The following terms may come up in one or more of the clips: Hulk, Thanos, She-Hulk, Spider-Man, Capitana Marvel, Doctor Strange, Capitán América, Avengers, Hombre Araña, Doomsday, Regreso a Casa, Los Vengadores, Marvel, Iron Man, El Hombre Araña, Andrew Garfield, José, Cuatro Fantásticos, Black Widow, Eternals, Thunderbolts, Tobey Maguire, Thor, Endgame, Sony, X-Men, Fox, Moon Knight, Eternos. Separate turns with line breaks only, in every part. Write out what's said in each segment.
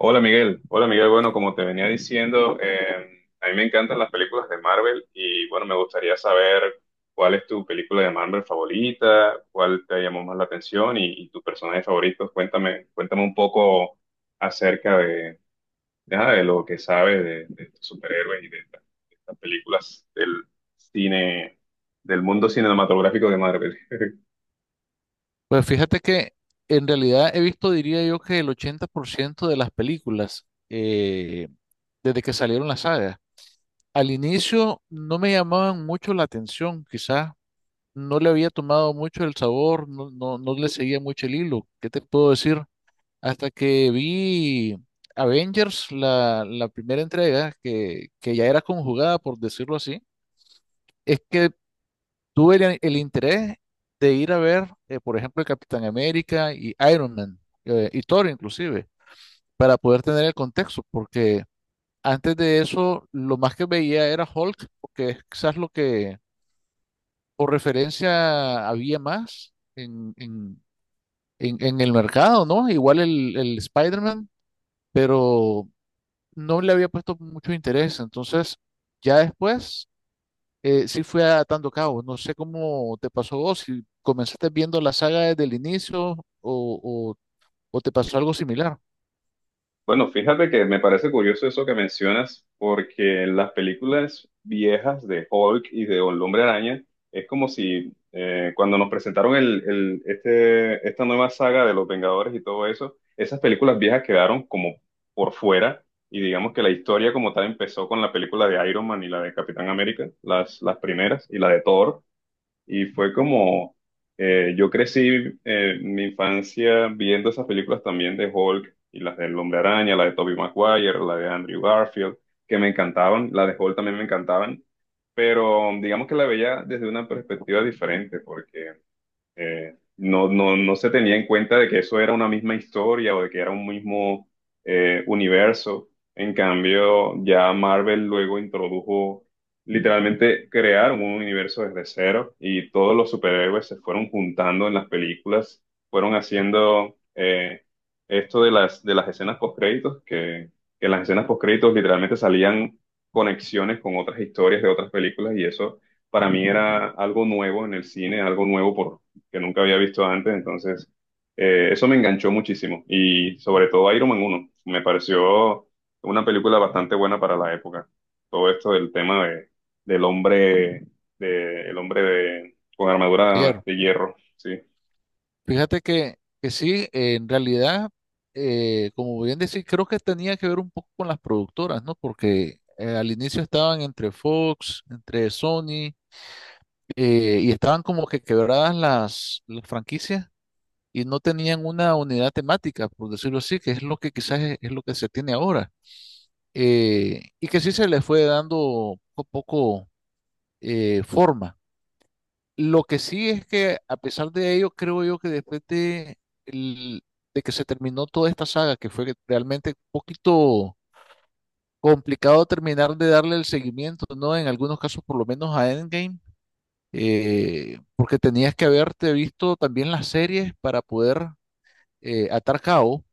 Hola Miguel, bueno, como te venía diciendo, a mí me encantan las películas de Marvel y bueno, me gustaría saber cuál es tu película de Marvel favorita, cuál te llamó más la atención y tu personaje favorito. Cuéntame, cuéntame un poco acerca de lo que sabes de estos superhéroes y de estas películas del cine, del mundo cinematográfico de Marvel.
Pues fíjate que en realidad he visto, diría yo, que el 80% de las películas desde que salieron las sagas. Al inicio no me llamaban mucho la atención, quizás no le había tomado mucho el sabor, no le seguía mucho el hilo. ¿Qué te puedo decir? Hasta que vi Avengers, la primera entrega, que ya era conjugada, por decirlo así, es que tuve el interés de ir a ver, por ejemplo, el Capitán América y Iron Man, y Thor inclusive, para poder tener el contexto, porque antes de eso lo más que veía era Hulk, porque es quizás lo que por referencia había más en el mercado, ¿no? Igual el Spider-Man, pero no le había puesto mucho interés, entonces ya después sí fue atando cabo. No sé cómo te pasó vos, si comenzaste viendo la saga desde el inicio o te pasó algo similar
Bueno, fíjate que me parece curioso eso que mencionas, porque en las películas viejas de Hulk y de El Hombre Araña, es como si cuando nos presentaron esta nueva saga de Los Vengadores y todo eso, esas películas viejas quedaron como por fuera, y digamos que la historia como tal empezó con la película de Iron Man y la de Capitán América, las primeras, y la de Thor, y fue como, yo crecí mi infancia viendo esas películas también de Hulk y las del Hombre Araña, la de Tobey Maguire, la de Andrew Garfield, que me encantaban, la de Hulk también me encantaban, pero digamos que la veía desde una perspectiva diferente, porque no se tenía en cuenta de que eso era una misma historia o de que era un mismo universo. En cambio, ya Marvel luego introdujo, literalmente crearon un universo desde cero y todos los superhéroes se fueron juntando en las películas, fueron haciendo esto de de las escenas post-créditos, que en las escenas post-créditos literalmente salían conexiones con otras historias de otras películas y eso para mí era algo nuevo en el cine, algo nuevo por que nunca había visto antes, entonces eso me enganchó muchísimo y sobre todo Iron Man uno me pareció una película bastante buena para la época. Todo esto del tema de, del hombre, de, el hombre de, con armadura
ayer.
de hierro, sí,
Fíjate que sí, en realidad, como bien decís, creo que tenía que ver un poco con las productoras, ¿no? Porque al inicio estaban entre Fox, entre Sony, y estaban como que quebradas las franquicias y no tenían una unidad temática, por decirlo así, que es lo que quizás es lo que se tiene ahora. Y que sí se le fue dando poco a poco forma. Lo que sí es que a pesar de ello, creo yo que después el- de que se terminó toda esta saga, que fue realmente un poquito complicado terminar de darle el seguimiento, ¿no? En algunos casos, por lo menos a Endgame, porque tenías que haberte visto también las series para poder atar cabo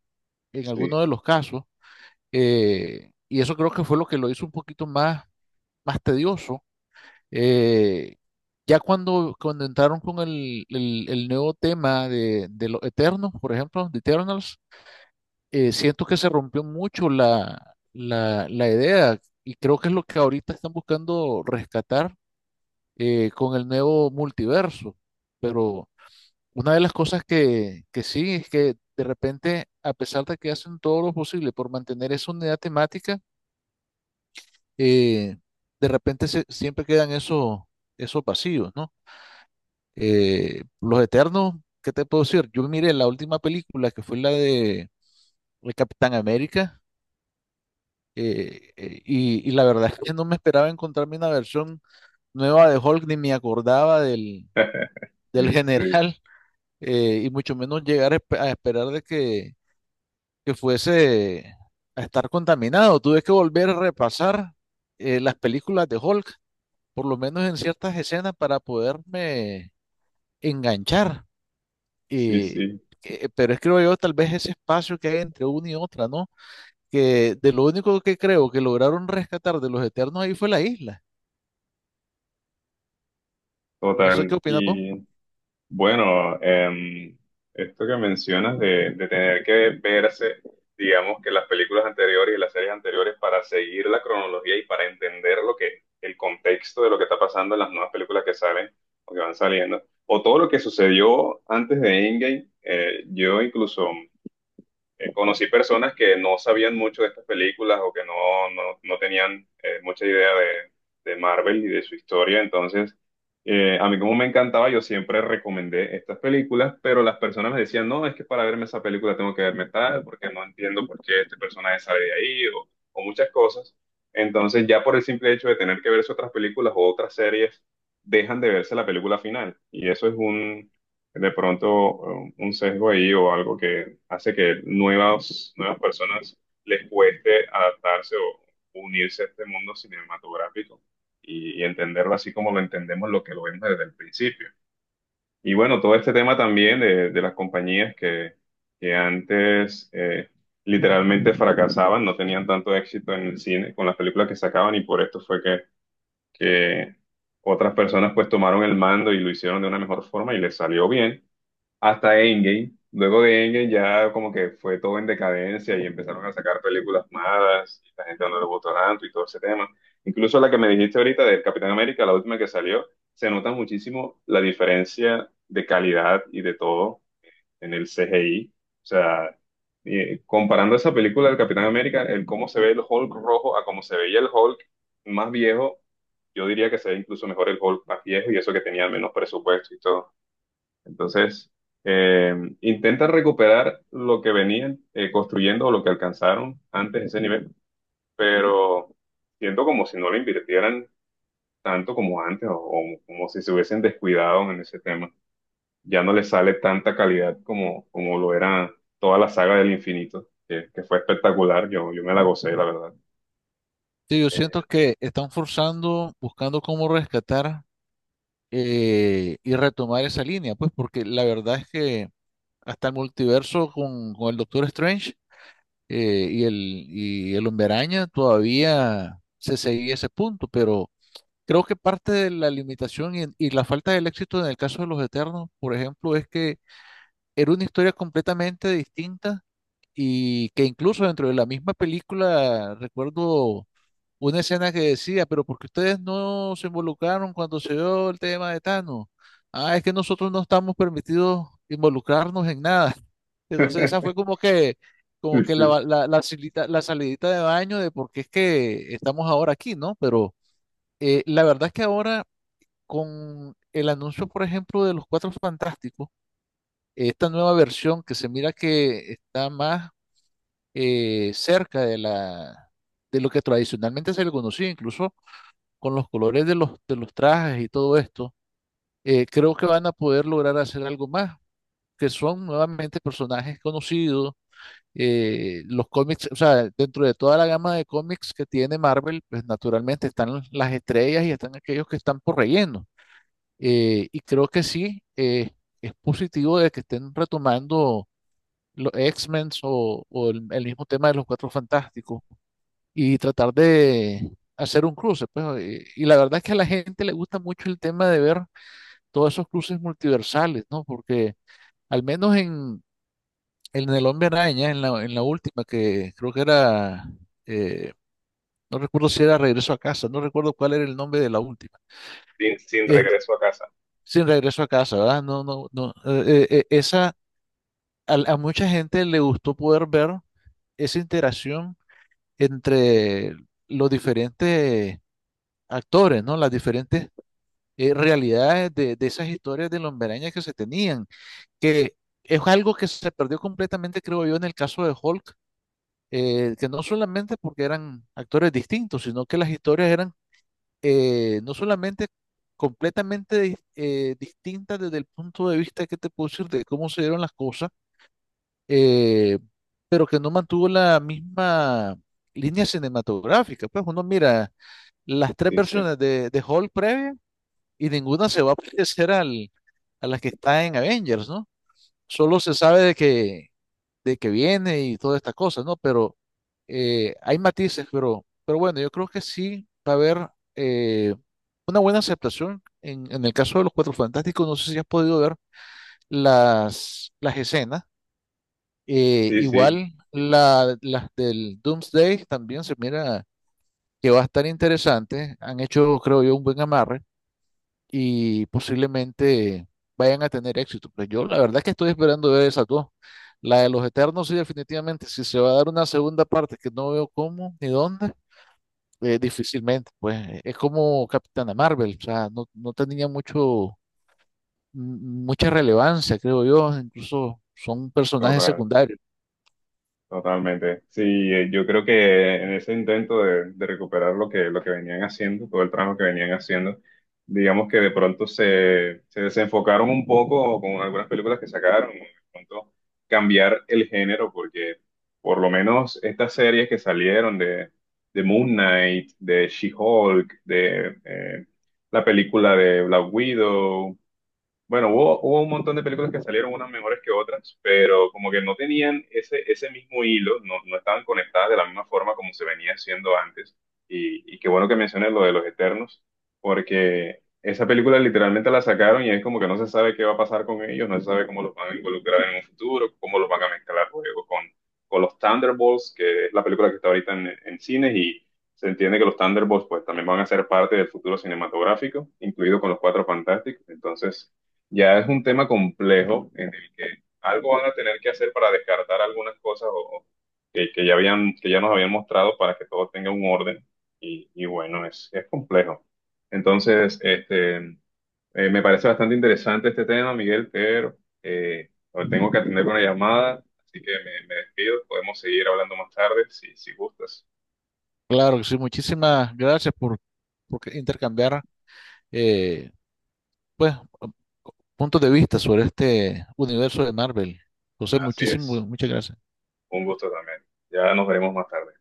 en
sí,
algunos de los casos. Y eso creo que fue lo que lo hizo un poquito más, más tedioso. Eh, ya cuando entraron con el nuevo tema de los Eternos, por ejemplo, de Eternals, siento que se rompió mucho la idea y creo que es lo que ahorita están buscando rescatar con el nuevo multiverso. Pero una de las cosas que sí es que de repente, a pesar de que hacen todo lo posible por mantener esa unidad temática, eh, siempre quedan esos vacíos, ¿no? Los Eternos, ¿qué te puedo decir? Yo miré la última película que fue la de Capitán América, y la verdad es que no me esperaba encontrarme una versión nueva de Hulk, ni me acordaba del
sí,
general. Y mucho menos llegar a esperar de que fuese a estar contaminado. Tuve que volver a repasar las películas de Hulk, por lo menos en ciertas escenas para poderme enganchar.
sí,
eh,
sí,
pero es, creo yo, tal vez ese espacio que hay entre una y otra, ¿no? Que de lo único que creo que lograron rescatar de los Eternos ahí fue la isla. No sé
total.
qué opinas vos.
Y bueno, esto que mencionas de tener que verse, digamos que las películas anteriores y las series anteriores para seguir la cronología y para entender lo que, el contexto de lo que está pasando en las nuevas películas que salen o que van saliendo, o todo lo que sucedió antes de Endgame, yo incluso conocí personas que no sabían mucho de estas películas o que no tenían mucha idea de Marvel y de su historia. Entonces, a mí como me encantaba, yo siempre recomendé estas películas, pero las personas me decían, no, es que para verme esa película tengo que verme tal, porque no entiendo por qué este personaje sale de ahí o muchas cosas. Entonces, ya por el simple hecho de tener que verse otras películas o otras series, dejan de verse la película final. Y eso es un, de pronto un sesgo ahí o algo que hace que nuevas personas les cueste adaptarse o unirse a este mundo cinematográfico y entenderlo así como lo entendemos, lo que lo vemos desde el principio. Y bueno, todo este tema también de las compañías que antes literalmente fracasaban, no tenían tanto éxito en el cine con las películas que sacaban y por esto fue que otras personas pues tomaron el mando y lo hicieron de una mejor forma y les salió bien hasta Endgame. Luego de Endgame ya como que fue todo en decadencia y empezaron a sacar películas malas y la gente no le gustó tanto y todo ese tema. Incluso la que me dijiste ahorita del Capitán América, la última que salió, se nota muchísimo la diferencia de calidad y de todo en el CGI. O sea, comparando esa película del Capitán América, el cómo se ve el Hulk rojo a cómo se veía el Hulk más viejo, yo diría que se ve incluso mejor el Hulk más viejo y eso que tenía menos presupuesto y todo. Entonces, eh, intentan recuperar lo que venían construyendo o lo que alcanzaron antes de ese nivel, pero siento como si no le invirtieran tanto como antes o como si se hubiesen descuidado en ese tema. Ya no les sale tanta calidad como lo era toda la saga del infinito, que fue espectacular. Yo me la gocé, la verdad.
Sí, yo siento
Eh,
que están forzando, buscando cómo rescatar y retomar esa línea, pues porque la verdad es que hasta el multiverso con el Doctor Strange eh, y el, y el Hombre Araña todavía se seguía ese punto, pero... Creo que parte de la limitación y la falta del éxito en el caso de Los Eternos, por ejemplo, es que era una historia completamente distinta y que incluso dentro de la misma película recuerdo una escena que decía, pero ¿por qué ustedes no se involucraron cuando se dio el tema de Thanos? Ah, es que nosotros no estamos permitidos involucrarnos en nada. Entonces esa fue como que, como
Sí,
que
sí.
la salidita de baño de por qué es que estamos ahora aquí, ¿no? Pero la verdad es que ahora con el anuncio, por ejemplo, de los Cuatro Fantásticos, esta nueva versión que se mira que está más cerca de lo que tradicionalmente se le conocía, incluso con los colores de los trajes y todo esto, creo que van a poder lograr hacer algo más, que son nuevamente personajes conocidos. Los cómics, o sea, dentro de toda la gama de cómics que tiene Marvel, pues naturalmente están las estrellas y están aquellos que están por relleno. Y creo que sí, es positivo de que estén retomando los X-Men o el mismo tema de los Cuatro Fantásticos y tratar de hacer un cruce. Pues, y la verdad es que a la gente le gusta mucho el tema de ver todos esos cruces multiversales, ¿no? Porque al menos en El Hombre Araña, en la última, que creo que era, eh, no recuerdo si era Regreso a Casa, no recuerdo cuál era el nombre de la última.
Sin, sin
Eh,
regreso a casa.
Sin regreso a casa, ¿verdad? No, no, no. A mucha gente le gustó poder ver esa interacción entre los diferentes actores, ¿no? Las diferentes realidades de esas historias de Lomberaña que se tenían, que es algo que se perdió completamente, creo yo, en el caso de Hulk, que no solamente porque eran actores distintos, sino que las historias eran no solamente completamente distintas desde el punto de vista que te puedo decir de cómo se dieron las cosas, eh, pero que no mantuvo la misma línea cinematográfica. Pues uno mira las tres
Sí, sí.
versiones de Hulk previa y ninguna se va a parecer a las que está en Avengers, ¿no? Solo se sabe de que viene y todas estas cosas, ¿no? Pero hay matices, pero, bueno, yo creo que sí va a haber eh, una buena aceptación. En el caso de los Cuatro Fantásticos, no sé si has podido ver las escenas,
Sí, sí.
igual las del Doomsday también se mira que va a estar interesante. Han hecho, creo yo, un buen amarre y posiblemente vayan a tener éxito. Pero yo la verdad es que estoy esperando ver esas dos. La de los Eternos, sí, definitivamente. Si se va a dar una segunda parte que no veo cómo ni dónde, difícilmente. Pues es como Capitana Marvel. O sea, no tenía m- mucha relevancia, creo yo. Incluso son personajes
Total.
secundarios.
Totalmente. Sí, yo creo que en ese intento de recuperar lo lo que venían haciendo, todo el trabajo que venían haciendo, digamos que de pronto se desenfocaron un poco con algunas películas que sacaron, ¿no? De pronto cambiar el género, porque por lo menos estas series que salieron de Moon Knight, de She-Hulk, de la película de Black Widow, bueno, hubo, hubo un montón de películas que salieron unas mejores que otras, pero como que no tenían ese mismo hilo, no estaban conectadas de la misma forma como se venía haciendo antes. Y qué bueno que menciones lo de los Eternos, porque esa película literalmente la sacaron y es como que no se sabe qué va a pasar con ellos, no se sabe cómo los van a involucrar en un futuro, cómo los van a mezclar luego con los Thunderbolts, que es la película que está ahorita en cines y se entiende que los Thunderbolts pues también van a ser parte del futuro cinematográfico, incluido con los Cuatro Fantásticos. Entonces... Ya es un tema complejo en el que algo van a tener que hacer para descartar algunas cosas o que ya habían, que ya nos habían mostrado para que todo tenga un orden. Y bueno, es complejo. Entonces, me parece bastante interesante este tema, Miguel, pero ahora tengo que atender una llamada, así que me despido. Podemos seguir hablando más tarde si, si gustas.
Claro que sí, muchísimas gracias porque intercambiar eh, pues puntos de vista sobre este universo de Marvel. José,
Así
muchísimo
es,
muchas gracias.
un gusto también. Ya nos veremos más tarde.